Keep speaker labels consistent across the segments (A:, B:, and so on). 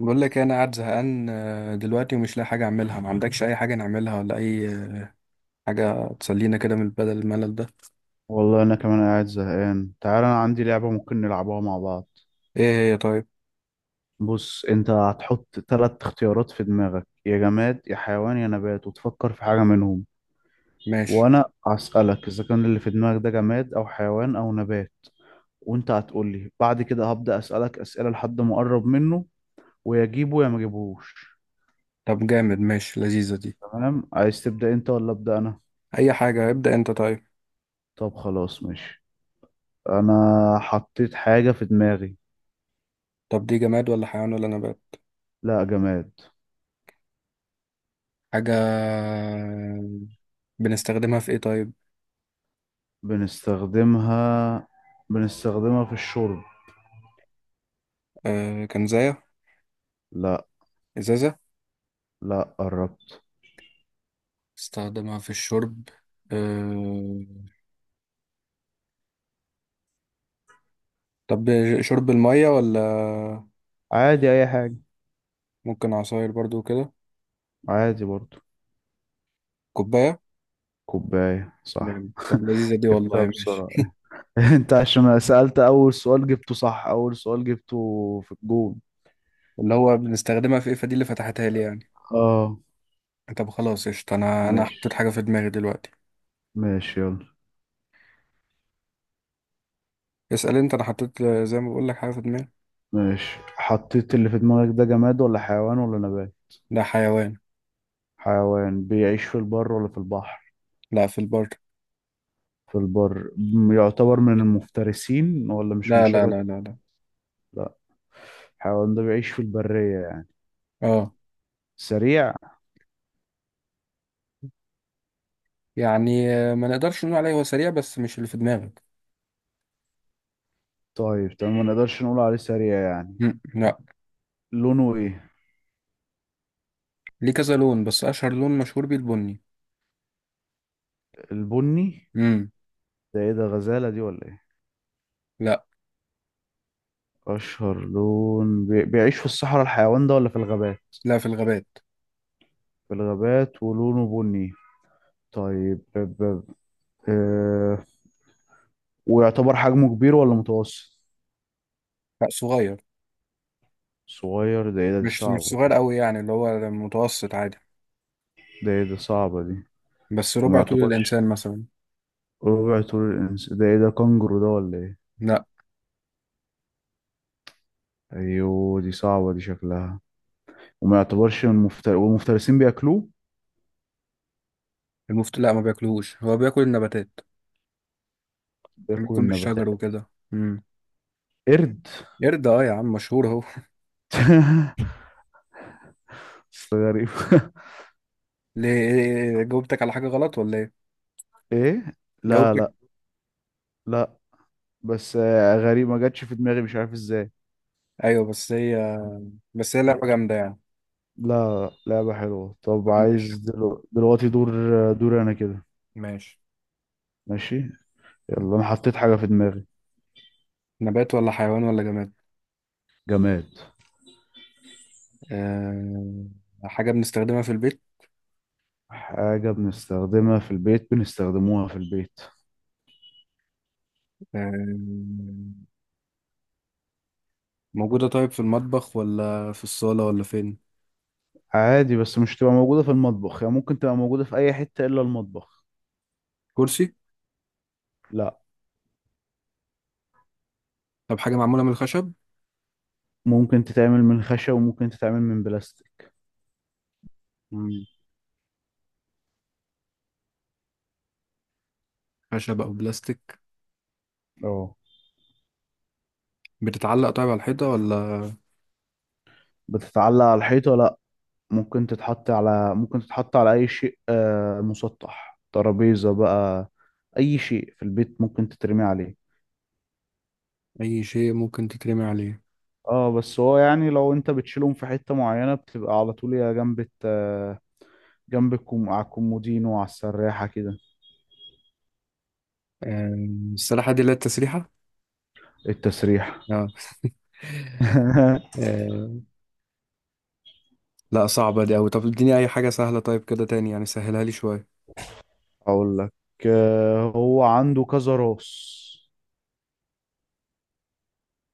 A: بقول لك إيه، انا قاعد زهقان دلوقتي ومش لاقي حاجه اعملها. ما عندكش اي حاجه نعملها ولا اي حاجه تسلينا كده من بدل الملل ده؟
B: والله انا كمان قاعد زهقان. تعال، انا عندي لعبة ممكن نلعبها مع بعض.
A: ايه هي طيب؟
B: بص، انت هتحط ثلاث اختيارات في دماغك: يا جماد يا حيوان يا نبات، وتفكر في حاجة منهم،
A: ماشي.
B: وانا هسألك اذا كان اللي في دماغك ده جماد او حيوان او نبات، وانت هتقول لي. بعد كده هبدأ اسألك اسئلة لحد ما اقرب منه، ويا جيبه يا ما جيبهوش.
A: طب جامد، ماشي، لذيذه دي.
B: تمام، عايز تبدأ انت ولا ابدأ انا؟
A: اي حاجه، ابدا انت طيب.
B: طب خلاص ماشي. انا حطيت حاجة في دماغي.
A: طب دي جماد ولا حيوان ولا نبات؟
B: لا، جماد.
A: حاجه. بنستخدمها في ايه طيب؟
B: بنستخدمها، بنستخدمها في الشرب.
A: آه، كنزايه؟
B: لا.
A: ازازه؟
B: لا، قربت.
A: استخدمها في الشرب. آه. طب شرب الميه ولا؟
B: عادي، اي حاجة.
A: ممكن عصاير برضو كده.
B: عادي برضو.
A: كوبايه.
B: كوباية، صح.
A: جامد. طب لذيذه دي
B: جبتها
A: والله، ماشي.
B: بسرعة. انت عشان سألت اول سؤال جبته صح، اول سؤال جبته في الجون.
A: اللي هو بنستخدمها في ايه، فدي اللي فتحتها لي يعني.
B: اه.
A: طب خلاص قشطة، انا حطيت
B: ماشي.
A: حاجة في دماغي دلوقتي.
B: يلا.
A: اسأل انت، انا حطيت زي ما بقول لك حاجة في دماغي.
B: ماشي، حطيت؟ اللي في دماغك ده جماد ولا حيوان ولا نبات؟
A: لا، حيوان.
B: حيوان بيعيش في البر ولا في البحر؟
A: لا، في البر.
B: في البر، يعتبر من المفترسين ولا مش من
A: لا، لا،
B: شجرة؟
A: لا، لا، لا.
B: لا. الحيوان ده بيعيش في البرية؟
A: اه.
B: سريع؟
A: يعني ما نقدرش نقول عليه هو سريع بس مش اللي في دماغك.
B: طيب تمام، ما نقدرش نقول عليه سريع يعني.
A: مم. لا.
B: لونه ايه؟
A: ليه كذا لون، بس اشهر لون مشهور بيه البني.
B: البني.
A: امم
B: ده ايه ده، غزالة دي ولا ايه؟
A: لا،
B: اشهر لون بيعيش في الصحراء الحيوان ده ولا في الغابات؟
A: لا، في الغابات.
B: في الغابات ولونه بني. طيب آه... ويعتبر حجمه كبير ولا متوسط؟
A: لا، صغير.
B: صغير؟ ده ايه ده، دي
A: مش
B: صعبة.
A: صغير قوي، يعني اللي هو متوسط عادي.
B: ده ايه ده، صعبة دي.
A: بس
B: وما
A: ربع طول
B: يعتبرش
A: الانسان مثلا.
B: ربع طول ده ايه ده، كانجرو ده ولا ايه؟
A: لا.
B: ايوه، دي صعبة دي شكلها. وما يعتبرش من والمفترسين بياكلوه؟
A: لا، ما بياكلهوش، هو بياكل النباتات.
B: بياكلوا
A: بيكون بالشجر
B: النباتات.
A: وكده.
B: قرد.
A: قرد، اه يا عم، مشهور اهو.
B: بس غريب.
A: ليه إيه، جاوبتك على حاجة غلط ولا ايه؟
B: ايه؟ لا
A: جاوبتك.
B: لا لا. بس غريب، ما جاتش في دماغي، مش عارف ازاي.
A: ايوه، بس هي. بس هي لعبة جامدة يعني.
B: لا، لعبة حلوة. طب
A: طب ماشي.
B: عايز دلوقتي دور؟ دور انا كده.
A: ماشي.
B: ماشي. يلا، انا حطيت حاجة في دماغي.
A: نبات ولا حيوان ولا جماد؟
B: جماد.
A: أه... حاجة بنستخدمها في البيت.
B: حاجة بنستخدمها في البيت، بنستخدموها في البيت.
A: أه... موجودة. طيب في المطبخ ولا في الصالة ولا فين؟
B: عادي، بس مش تبقى موجودة في المطبخ، يعني ممكن تبقى موجودة في اي حتة الا المطبخ.
A: كرسي؟
B: لا.
A: طب حاجة معمولة من الخشب؟
B: ممكن تتعمل من خشب وممكن تتعمل من بلاستيك.
A: مم. خشب أو بلاستيك.
B: اه.
A: بتتعلق طيب على الحيطة ولا؟
B: بتتعلق على الحيطة؟ لا. ممكن تتحط على أي شيء مسطح، ترابيزة بقى. أي شيء في البيت ممكن تترمي عليه.
A: أي شيء ممكن تترمي عليه.
B: اه، بس هو يعني لو انت بتشيلهم في حتة معينة، بتبقى على طول يا جنب جنب على الكومودينو وعلى السراحة كده.
A: أه... السلاحة دي اللي هي التسريحة؟
B: التسريح.
A: اه. آه، لا صعبة دي أوي، طب اديني أي حاجة سهلة طيب كده تاني، يعني سهلها لي شوية.
B: اقول لك، هو عنده كذا راس.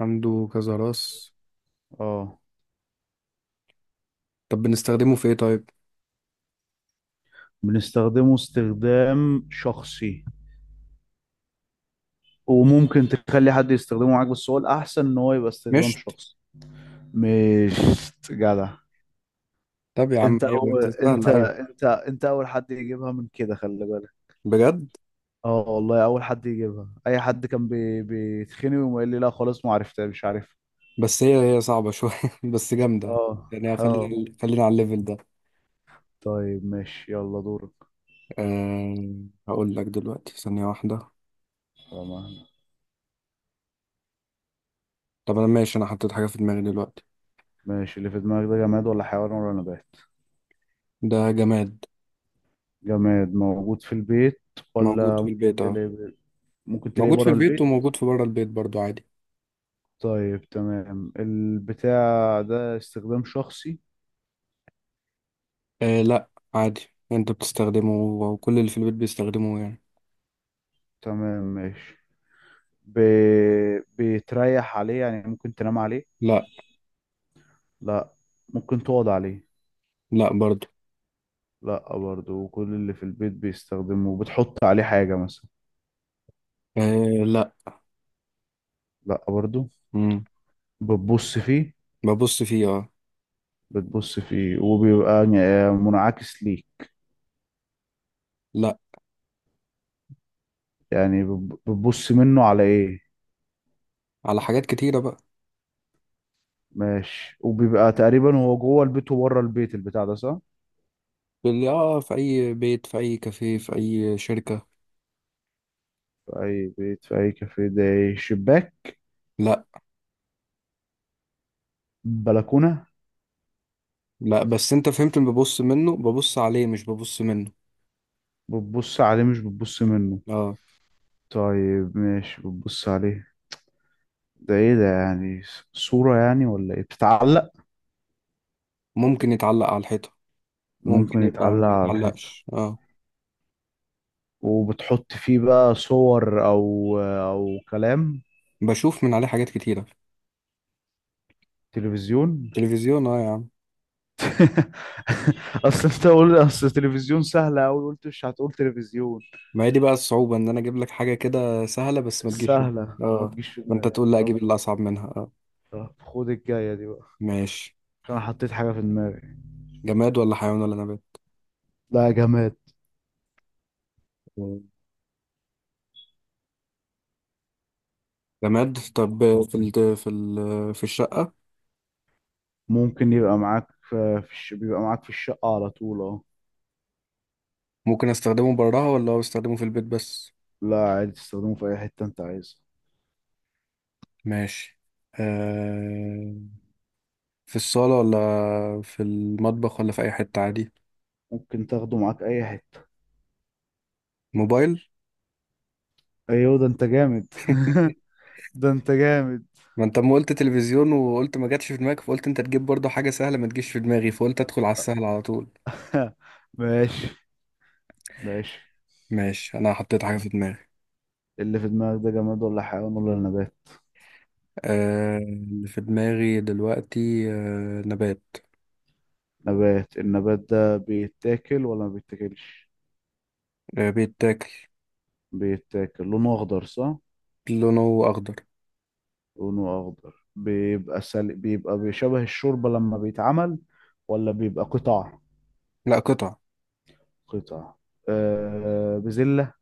A: عنده كذا راس؟
B: اه.
A: طب بنستخدمه في إيه طيب؟
B: بنستخدمه استخدام شخصي، وممكن تخلي حد يستخدمه معاك، بس هو الأحسن ان هو يبقى استخدام
A: مشت.
B: شخصي. مش جدع.
A: طب يا عم
B: انت
A: أيوة،
B: أول،
A: أنت
B: انت
A: سهلة، أيوة.
B: انت انت اول حد يجيبها من كده، خلي بالك.
A: بجد؟
B: اه والله، اول حد يجيبها. اي حد كان بيتخني ويقول لي لا خلاص ما عرفتها، مش عارف.
A: بس هي صعبة شوية. بس جامدة.
B: اه.
A: يعني
B: اه
A: خلينا على الليفل ده.
B: طيب ماشي، يلا دورك.
A: أه... هقول لك دلوقتي ثانية واحدة.
B: طبعا.
A: طب أنا ماشي، أنا حطيت حاجة في دماغي دلوقتي.
B: ماشي، اللي في دماغك ده جماد ولا حيوان ولا نبات؟
A: ده جماد
B: جماد موجود في البيت،
A: موجود
B: ولا
A: في
B: ممكن
A: البيت، أه.
B: تلاقيه؟ ممكن تلاقيه
A: موجود في
B: بره
A: البيت
B: البيت؟
A: وموجود في بره البيت برضو عادي.
B: طيب تمام، البتاع ده استخدام شخصي؟
A: أه لا، عادي. أنت بتستخدمه وكل اللي في البيت بيستخدموه يعني.
B: تمام ماشي. ب... بتريح عليه يعني، ممكن تنام عليه؟
A: لا.
B: لا. ممكن تقعد عليه؟
A: لا برضو.
B: لا برضه، وكل اللي في البيت بيستخدمه، بتحط عليه حاجة مثلا؟
A: آه لا.
B: لا برضه.
A: مم.
B: بتبص فيه؟
A: ببص فيه، اه.
B: بتبص فيه وبيبقى يعني منعكس ليك؟
A: لا.
B: يعني بتبص منه على ايه؟
A: على حاجات كتيرة بقى.
B: ماشي. وبيبقى تقريبا هو جوه البيت وبره البيت البتاع ده، صح؟
A: في اللي اه في اي بيت، في اي كافيه، في اي شركة.
B: في اي بيت في اي كافيه. ده إيه؟ شباك؟
A: لا.
B: بلكونة؟
A: لا، بس انت فهمت اللي ببص منه، ببص عليه مش ببص منه.
B: بتبص عليه مش بتبص منه؟
A: اه.
B: طيب ماشي، بتبص عليه. ده ايه ده يعني، صورة يعني ولا ايه، بتتعلق؟
A: ممكن يتعلق على الحيطة. ممكن
B: ممكن
A: يبقى ما
B: يتعلق على الحيطة.
A: يتعلقش، اه.
B: وبتحط فيه بقى صور او كلام؟
A: بشوف من عليه حاجات كتيرة.
B: تلفزيون.
A: تلفزيون، اه يا عم.
B: اصل انت قول، اصل تلفزيون سهلة اوي، قلت مش هتقول تلفزيون.
A: ما هي دي بقى الصعوبة، ان انا اجيب لك حاجة كده سهلة بس ما تجيش في بالك.
B: سهلة ما
A: اه.
B: تجيش في
A: فانت
B: دماغي،
A: تقول لا، اجيب
B: طب.
A: اللي اصعب منها، اه.
B: طب خد الجاية دي بقى،
A: ماشي.
B: عشان انا حطيت حاجة في دماغي.
A: جماد ولا حيوان ولا
B: لا، جماد.
A: نبات؟ جماد. طب في الشقة؟
B: ممكن يبقى معاك في بيبقى معاك في الشقة على طول، اه.
A: ممكن استخدمه براها، ولا هو استخدمه في البيت بس؟
B: لا عادي، تستخدمه في اي حتة انت عايزها.
A: ماشي. آه. في الصالة ولا في المطبخ ولا في أي حتة عادي؟
B: ممكن تاخده معاك اي حتة.
A: موبايل.
B: ايوه، ده انت جامد. ده انت جامد.
A: ما انت ما قلت تلفزيون وقلت ما جاتش في دماغك، فقلت انت تجيب برضه حاجة سهلة ما تجيش في دماغي، فقلت ادخل على السهل على طول.
B: ماشي. ماشي،
A: ماشي، انا حطيت حاجة في دماغي.
B: اللي في دماغك ده جماد ولا حيوان ولا نبات؟
A: اللي في دماغي دلوقتي نبات.
B: نبات. النبات ده بيتاكل ولا ما بيتاكلش؟
A: آه، بيتاكل.
B: بيتاكل. لونه اخضر، صح؟
A: لونه اخضر.
B: لونه اخضر بيبقى بيبقى بيشبه الشوربة لما بيتعمل، ولا بيبقى قطع؟
A: لا، قطع.
B: قطع. بزلة؟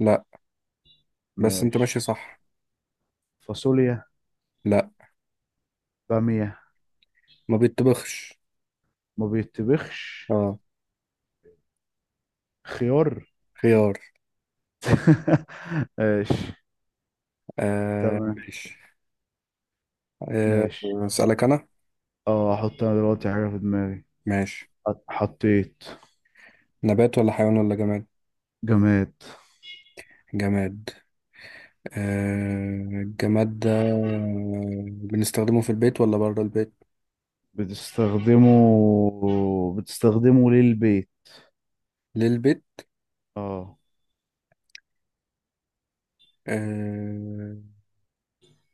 A: لا. بس انت
B: ماشي.
A: ماشي صح.
B: فاصوليا؟
A: لا.
B: بامية؟
A: ما بيتطبخش.
B: ما بيتبخش.
A: اه.
B: خيار.
A: خيار.
B: ماشي.
A: آه،
B: تمام.
A: ماشي. آه،
B: ماشي.
A: اسألك انا.
B: اه، احط انا دلوقتي حاجة في دماغي.
A: ماشي.
B: حطيت.
A: نبات ولا حيوان ولا جماد؟
B: جماد.
A: جماد. الجماد ده بنستخدمه في البيت ولا بره البيت؟
B: بتستخدمه، بتستخدمه للبيت.
A: للبيت.
B: اه.
A: آه.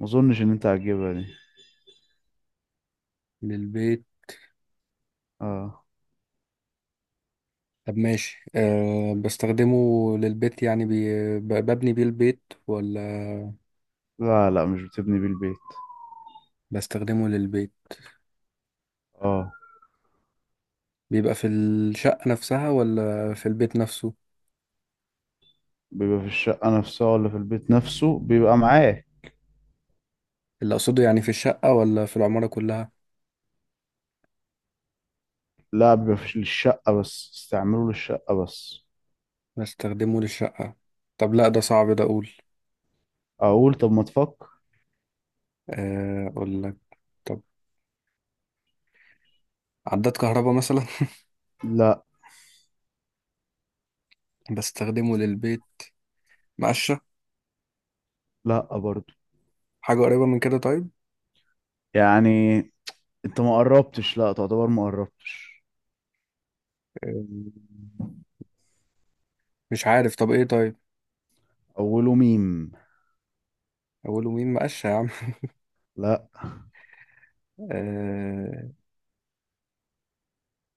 B: ما اظنش ان انت هتجيبها دي.
A: للبيت.
B: اه.
A: طب ماشي، بستخدمه للبيت يعني ببني بيه البيت ولا؟
B: لا لا، مش بتبني بيه البيت.
A: بستخدمه للبيت.
B: اه.
A: بيبقى في الشقة نفسها ولا في البيت نفسه؟
B: بيبقى في الشقة نفسها ولا في البيت نفسه؟ بيبقى معاك،
A: اللي أقصده يعني في الشقة ولا في العمارة كلها؟
B: لا بيبقى في الشقة بس، استعمله للشقة بس.
A: بستخدمه للشقة. طب لا، ده صعب ده، أقول.
B: اقول؟ طب ما تفكر.
A: أقول لك. طب، عداد كهرباء مثلا؟
B: لا.
A: بستخدمه للبيت. مقشة؟
B: لا برضو.
A: حاجة قريبة من كده طيب؟
B: يعني انت ما قربتش، لا تعتبر ما قربتش.
A: آه، مش عارف، طب إيه طيب؟
B: اوله ميم.
A: أقوله مين؟ مقشة يا عم.
B: لا.
A: آه،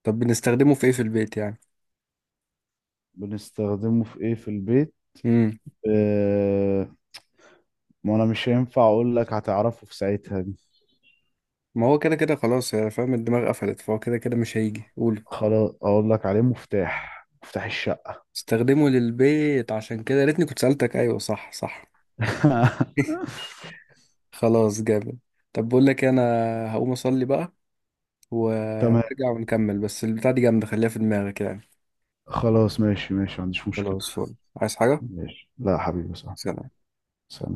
A: طب بنستخدمه في إيه في البيت يعني؟
B: بنستخدمه في ايه في البيت.
A: مم.
B: آه، ما انا مش هينفع اقول لك، هتعرفه في ساعتها دي.
A: ما هو كده كده خلاص يا فاهم، الدماغ قفلت، فهو كده كده مش هيجي، قوله.
B: خلاص اقول لك عليه، مفتاح، مفتاح الشقة.
A: استخدمه للبيت، عشان كده يا ريتني كنت سألتك. أيوه، صح، صح. خلاص جامد. طب بقول لك إيه، أنا هقوم أصلي بقى
B: تمام.
A: ونرجع ونكمل، بس البتاع دي جامدة، خليها في دماغك يعني.
B: خلاص ماشي، ماشي، ما عنديش مشكلة.
A: خلاص فل، عايز حاجة؟
B: ماشي، لا حبيبي، صح.
A: سلام.
B: سلام.